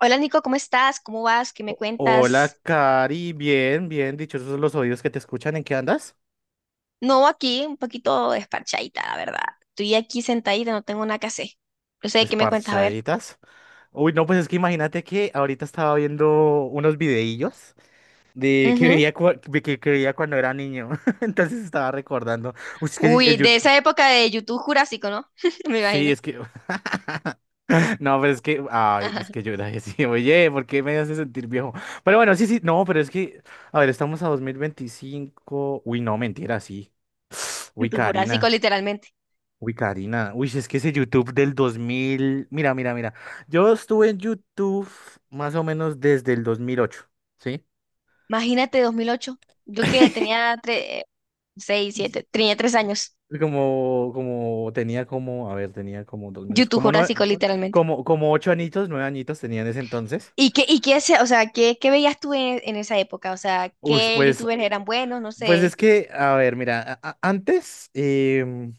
Hola Nico, ¿cómo estás? ¿Cómo vas? ¿Qué me Hola, cuentas? Cari, bien, bien, dichosos los oídos que te escuchan, ¿en qué andas? No, aquí un poquito desparchadita, la verdad. Estoy aquí sentadita, no tengo nada que hacer. No sé, ¿qué me cuentas? A ver. Esparchaditas. Uy, no, pues es que imagínate que ahorita estaba viendo unos videillos de que Ujú. veía, cua- de que, que veía cuando era niño, entonces estaba recordando. Uy, es que Uy, el de YouTube... esa época de YouTube Jurásico, ¿no? Me Sí, imagino. es que... No, pero es que... Ay, es que yo era así, oye, ¿por qué me hace sentir viejo? Pero bueno, sí, sí, no, pero es que... A ver, estamos a 2025. Uy, no, mentira, sí. Uy, YouTube Jurásico, Karina. literalmente. Uy, Karina, uy, si es que ese YouTube del 2000, mira, mira, mira, yo estuve en YouTube más o menos desde el 2008, ¿sí? Imagínate 2008. Yo que tenía 3, 6, 7, tenía 3 años. Tenía como, a ver, tenía como 2008, YouTube como Jurásico, nueve, literalmente. como 8 añitos, 9 añitos tenía en ese entonces. ¿Y qué, o sea, qué veías tú en esa época? O sea, Uy, ¿qué pues, YouTubers eran buenos? No pues es sé. que, a ver, mira, antes,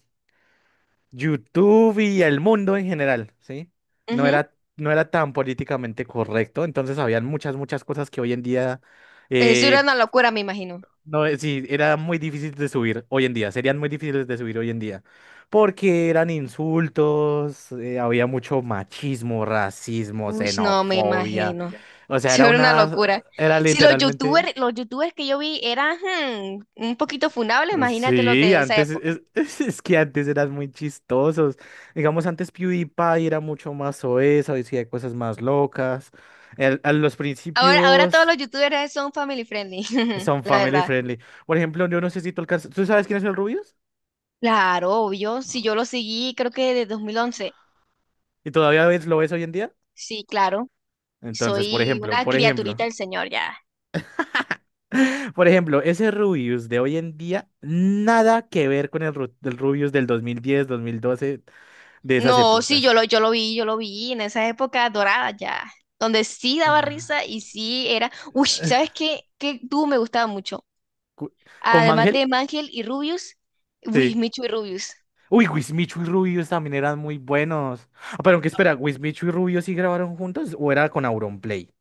YouTube y el mundo en general, ¿sí? No Ujú. era, no era tan políticamente correcto, entonces habían muchas, muchas cosas que hoy en día, Eso era eh, una locura, me imagino. no, sí, era muy difícil de subir hoy en día, serían muy difíciles de subir hoy en día, porque eran insultos, había mucho machismo, racismo, Uy, no, me xenofobia, imagino. Ya. o sea, Eso era una locura. era Si los literalmente. youtubers, los youtubers que yo vi eran un poquito funables, imagínate los Sí, de esa antes época. Es que antes eran muy chistosos. Digamos, antes PewDiePie era mucho más soez, decía cosas más locas. A los Ahora todos principios los youtubers son family friendly, son la family verdad. friendly. Por ejemplo, yo no sé si tú alcanzas. ¿Tú sabes quién es el Rubius? Claro, obvio. Si No. yo lo seguí, creo que desde 2011. ¿Y todavía lo ves hoy en día? Sí, claro. Entonces, por Soy ejemplo, una criaturita del señor ya. por ejemplo, ese Rubius de hoy en día, nada que ver con el, del Rubius del 2010, 2012, de esas No, sí, yo épocas. lo, yo lo vi, yo lo vi en esa época dorada ya. Donde sí daba Ah. risa y sí era. Uy, ¿sabes qué? ¿Qué tú me gustaba mucho? Cu- ¿Con Además Mangel? de Mangel y Rubius, Sí. Wismichu y Rubius. Uy, Wismichu y Rubius también eran muy buenos. Ah, pero aunque espera, ¿Wismichu y Rubius sí grabaron juntos o era con Auronplay?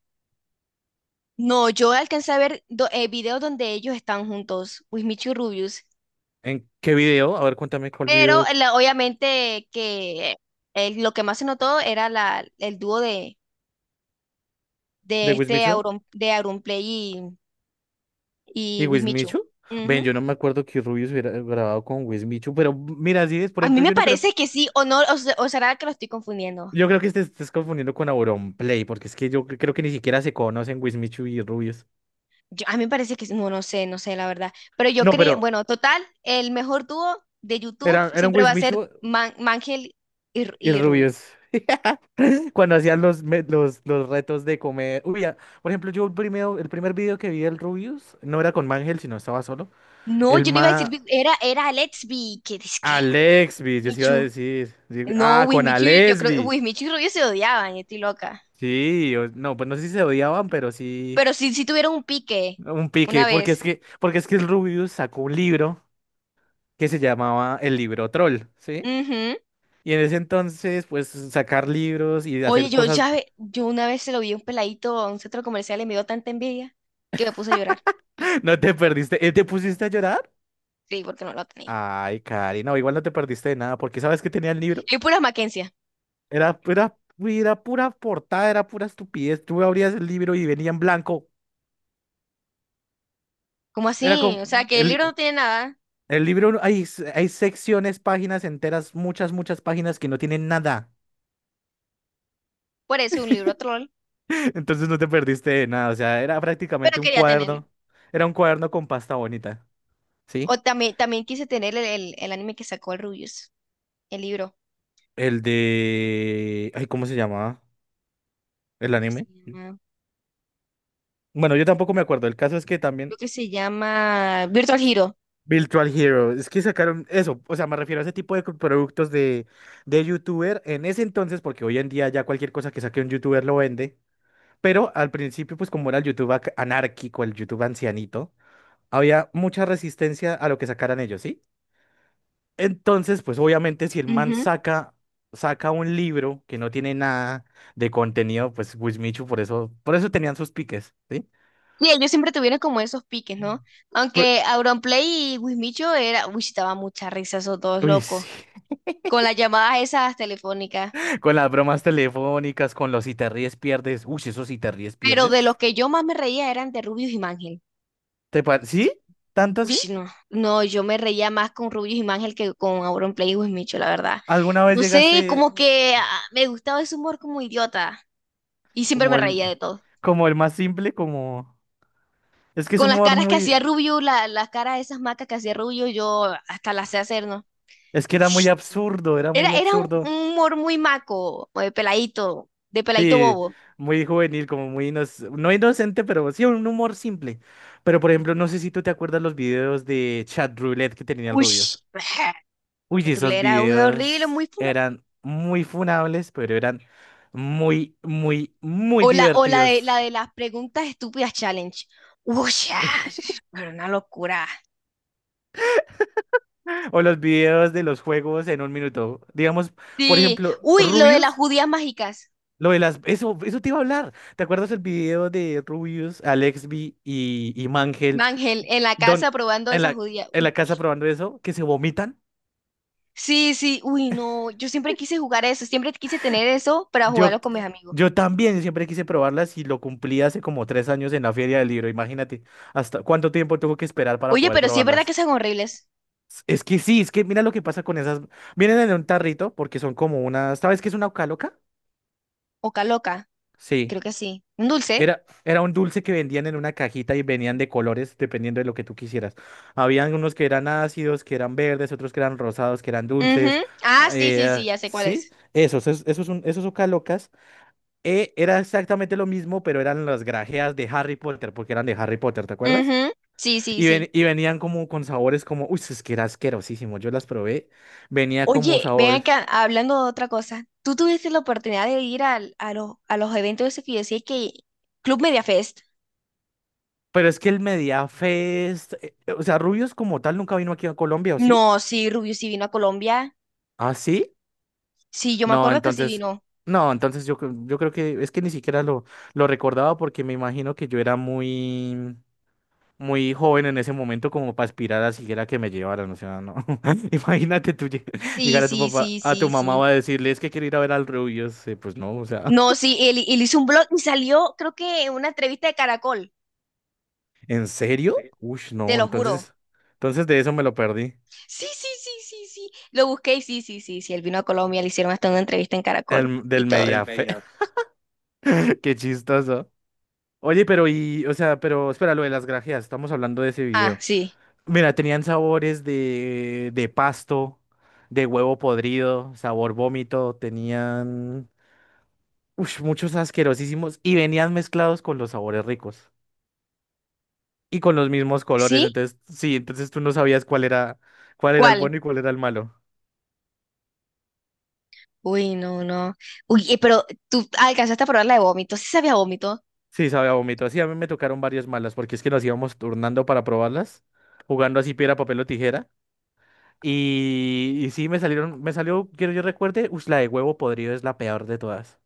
No, yo alcancé a ver videos donde ellos están juntos, Wismichu y Rubius. ¿En qué video? A ver, cuéntame cuál Pero video eh, obviamente que lo que más se notó era el dúo de de este Wismichu Auron, de Auronplay y y Wismichu. Wismichu. Ven, Ujú. yo no me acuerdo que Rubius hubiera grabado con Wismichu, pero mira, si es, por A mí ejemplo, me yo no creo. parece que sí, o no, o será que lo estoy confundiendo. Yo creo que te estés confundiendo con Auronplay, porque es que yo creo que ni siquiera se conocen Wismichu y Rubius. A mí me parece no, no sé la verdad. Pero yo No, creía, pero bueno, total, el mejor dúo de YouTube eran siempre va a ser Wismichu Mangel y y Rubio. Rubius. Cuando hacían los retos de comer. Uy, ya, por ejemplo, yo el primer video que vi del Rubius no era con Mangel, sino estaba solo. No, El yo no iba a decir, ma. Era Let's Be, que es que Alexby, yo sí iba a Michu. decir. Sí, No, ah, con Wismichu, yo creo que Alexby. Wismichu y Rubio se odiaban, yo estoy loca. Sí, o no, pues no sé si se odiaban, pero sí. Pero sí, sí tuvieron un pique Un una pique. Porque vez. es que, porque es que el Rubius sacó un libro que se llamaba El libro troll, ¿sí? Ujú. Y en ese entonces, pues sacar libros y Oye, hacer cosas. Yo una vez se lo vi a un peladito a un centro comercial y me dio tanta envidia que me puse a llorar. No te perdiste. ¿Eh? ¿Te pusiste a llorar? Sí, porque no lo tenía. Ay, Cari, no, igual no te perdiste de nada, porque ¿sabes que tenía el libro? Y puras Mackenzie. Era, era, uy, era pura portada, era pura estupidez. Tú abrías el libro y venía en blanco. ¿Cómo Era así? como, O sea, que el libro no tiene nada. el libro, hay secciones, páginas enteras, muchas, muchas páginas que no tienen nada. Por eso un libro troll, Entonces no te perdiste de nada, o sea, era pero prácticamente un quería tenerlo. cuaderno. Era un cuaderno con pasta bonita, O ¿sí? también, también quise tener el anime que sacó el Rubius, el libro, El de... Ay, ¿cómo se llamaba? ¿El creo que se anime? llama, Bueno, yo tampoco me acuerdo. El caso es que creo también... que se llama Virtual Hero. Virtual Hero, es que sacaron eso, o sea, me refiero a ese tipo de productos de, youtuber en ese entonces, porque hoy en día ya cualquier cosa que saque un youtuber lo vende, pero al principio, pues como era el YouTube anárquico, el YouTube ancianito, había mucha resistencia a lo que sacaran ellos, ¿sí? Entonces, pues obviamente si el man Ujú. saca un libro que no tiene nada de contenido, pues Wismichu por eso tenían sus piques, ¿sí? Y ellos siempre tuvieron como esos piques, ¿no? Pues, Aunque Auronplay y Wismicho era, uy, sí, daba mucha risa esos dos uy, locos, sí. con las llamadas esas telefónicas. Con las bromas telefónicas, con los si te ríes, pierdes. Uy, esos si te ríes, Pero pierdes. de los que yo más me reía eran de Rubius y Mangel. ¿Sí? ¿Tanto Uy, así? sí, no, no, yo me reía más con Rubius y Mangel que con Auron Play y Wismicho, la verdad. ¿Alguna vez No sé, llegaste como que me gustaba ese humor como idiota y siempre me como el, reía de todo. como el más simple? Como... Es que es Con las humor caras que muy... hacía Rubius, las caras de esas macas que hacía Rubius, yo hasta las sé hacer, ¿no? Es que era muy absurdo, era Era, muy era un, absurdo. un humor muy maco, o de peladito Sí, bobo. muy juvenil, como muy... no inocente, pero sí, un humor simple. Pero, por ejemplo, no sé si tú te acuerdas los videos de Chat Roulette que tenía el Uy, rubio. Uy, la sí, esos trulera, uy, horrible, videos muy funa. eran muy funables, pero eran muy, muy, muy O la, o la de, la divertidos. de las preguntas estúpidas challenge. Uy, era una locura. O los videos de los juegos en un minuto. Digamos, por Sí, ejemplo, uy, lo de las Rubius, judías mágicas. lo de las... Eso te iba a hablar. ¿Te acuerdas el video de Rubius, Alexby y Mangel, Ángel, en la casa don, probando en esa la, judía. en la casa probando eso, que se vomitan? Sí, sí, uy, no, yo siempre quise jugar eso, siempre quise tener eso para Yo, jugarlo con mis amigos. yo también siempre quise probarlas y lo cumplí hace como 3 años en la Feria del Libro. Imagínate, hasta cuánto tiempo tuve que esperar para Oye, poder pero sí es verdad que probarlas. son horribles. Es que sí, es que mira lo que pasa con esas. Vienen en un tarrito porque son como unas. ¿Sabes qué es una ucaloca? Oca loca, Sí. creo que sí. Un dulce. Era un dulce que vendían en una cajita y venían de colores dependiendo de lo que tú quisieras. Habían unos que eran ácidos, que eran verdes, otros que eran rosados, que eran dulces. Ujú. Ah, sí, sí, sí, ya sé cuál Sí, es. Esos son, esos. Era exactamente lo mismo, pero eran las grajeas de Harry Potter, porque eran de Harry Potter, ¿te acuerdas? Ujú. Sí, sí, Y, sí. ven- y venían como con sabores como, uy, es que era asquerosísimo, yo las probé, venía como Oye, ven sabores. acá, hablando de otra cosa. ¿Tú tuviste la oportunidad de ir a los eventos esos que yo decía que Club Media Fest? Pero es que el Media Fest, o sea, Rubios como tal nunca vino aquí a Colombia, ¿o sí? No, sí, Rubio sí vino a Colombia. ¿Ah, sí? Sí, yo me No, acuerdo que sí entonces, vino. no, entonces yo creo que es que ni siquiera lo recordaba, porque me imagino que yo era muy, muy joven en ese momento como para aspirar a siquiera que me llevaran, o sea, no. Imagínate tú Sí, llegar a tu sí, papá, sí, a tu sí, mamá sí. va a decirle, es que quiero ir a ver al Rubius, pues no, o sea, No, sí, él hizo un blog y salió, creo que en una entrevista de Caracol, ¿en serio? Uy, te no, lo juro. entonces de eso me lo perdí, Sí, sí, sí, sí, sí. Lo busqué y sí, sí, sí, sí. Él vino a Colombia, le hicieron hasta una entrevista en Caracol y del todo. Mediafe, qué chistoso. Oye, pero y, o sea, pero espera, lo de las grajeas, estamos hablando de ese Ah, video. sí. Mira, tenían sabores de pasto, de huevo podrido, sabor vómito, tenían... ush, muchos asquerosísimos y venían mezclados con los sabores ricos y con los mismos colores. ¿Sí? Entonces, sí, entonces tú no sabías cuál era el ¿Cuál? bueno y cuál era el malo. Uy, no, no. Uy, pero tú alcanzaste a probar la de vómito. Sí sabía vómito. Sí, sabía a vómito. Sí, a mí me tocaron varias malas porque es que nos íbamos turnando para probarlas, jugando así piedra, papel o tijera. Y sí, me salió, quiero yo recuerde, ush, la de huevo podrido es la peor de todas.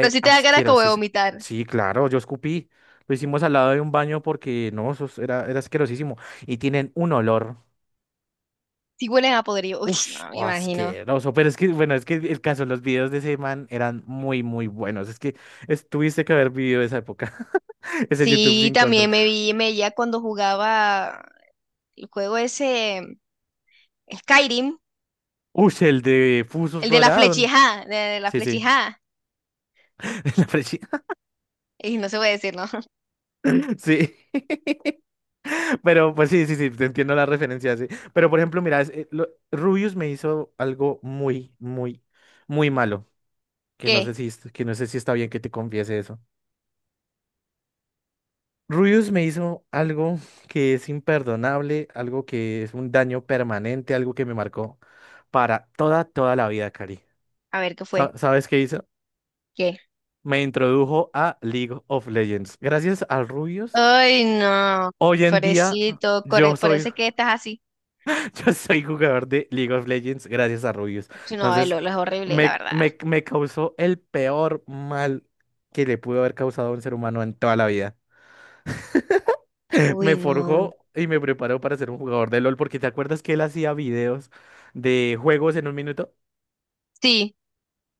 Pero sí te da cara como de asquerosísimo. vomitar. Sí, claro, yo escupí. Lo hicimos al lado de un baño porque no, eso era asquerosísimo. Y tienen un olor. Sí hueles a podrido. Uy, Ush, no, me oh, imagino. asqueroso. Pero es que, bueno, es que el caso, los videos de ese man eran muy, muy buenos. Es que tuviste que haber vivido esa época. Ese YouTube Sí, sin control. también me veía cuando jugaba el juego ese Skyrim. Ush, el de Fusos El de la Rodaron. flechija, de la Sí, sí. flechija. La presi- Y no se puede decir, ¿no? Sí. Pero, pues sí, sí, sí, te entiendo la referencia, sí. Pero, por ejemplo, mira, Rubius me hizo algo muy, muy, muy malo. Que no ¿Qué? sé si, es- que no sé si está bien que te confiese eso. Rubius me hizo algo que es imperdonable, algo que es un daño permanente, algo que me marcó para toda, toda la vida, Cari. A ver, ¿qué fue? ¿Sabes qué hizo? ¿Qué? Me introdujo a League of Legends. Gracias a Rubius, Ay, no, hoy en día pobrecito, yo por soy, eso es que estás así. yo soy jugador de League of Legends gracias a Rubius. No, el Entonces, LOL es horrible, la me, verdad. me, me causó el peor mal que le pudo haber causado a un ser humano en toda la vida. Uy, Me no. forjó y me preparó para ser un jugador de LOL, porque te acuerdas que él hacía videos de juegos en un minuto. Sí.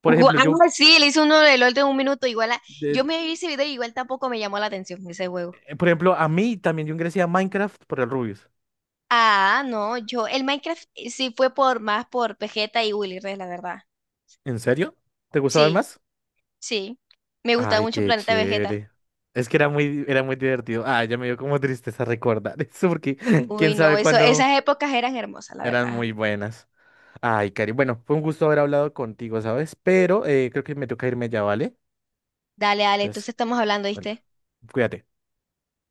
Por ejemplo, No, sí, le hice uno de LOL de un minuto, igual de- yo me vi ese video y igual tampoco me llamó la atención ese juego. A mí también yo ingresé a Minecraft por el Rubius. Ah, no, el Minecraft sí fue por más por Vegeta y Willy Rex, la verdad. ¿En serio? ¿Te gustaban Sí, más? sí. Me gustaba Ay, mucho qué Planeta Vegeta. chévere. Es que era muy divertido. Ah, ya me dio como tristeza recordar eso, porque Uy, quién no, sabe cuándo esas épocas eran hermosas, la eran verdad. muy buenas. Ay, Cari, bueno, fue un gusto haber hablado contigo, ¿sabes? Pero creo que me toca irme ya, ¿vale? Dale, dale, Entonces, entonces estamos hablando, bueno, ¿viste? cuídate.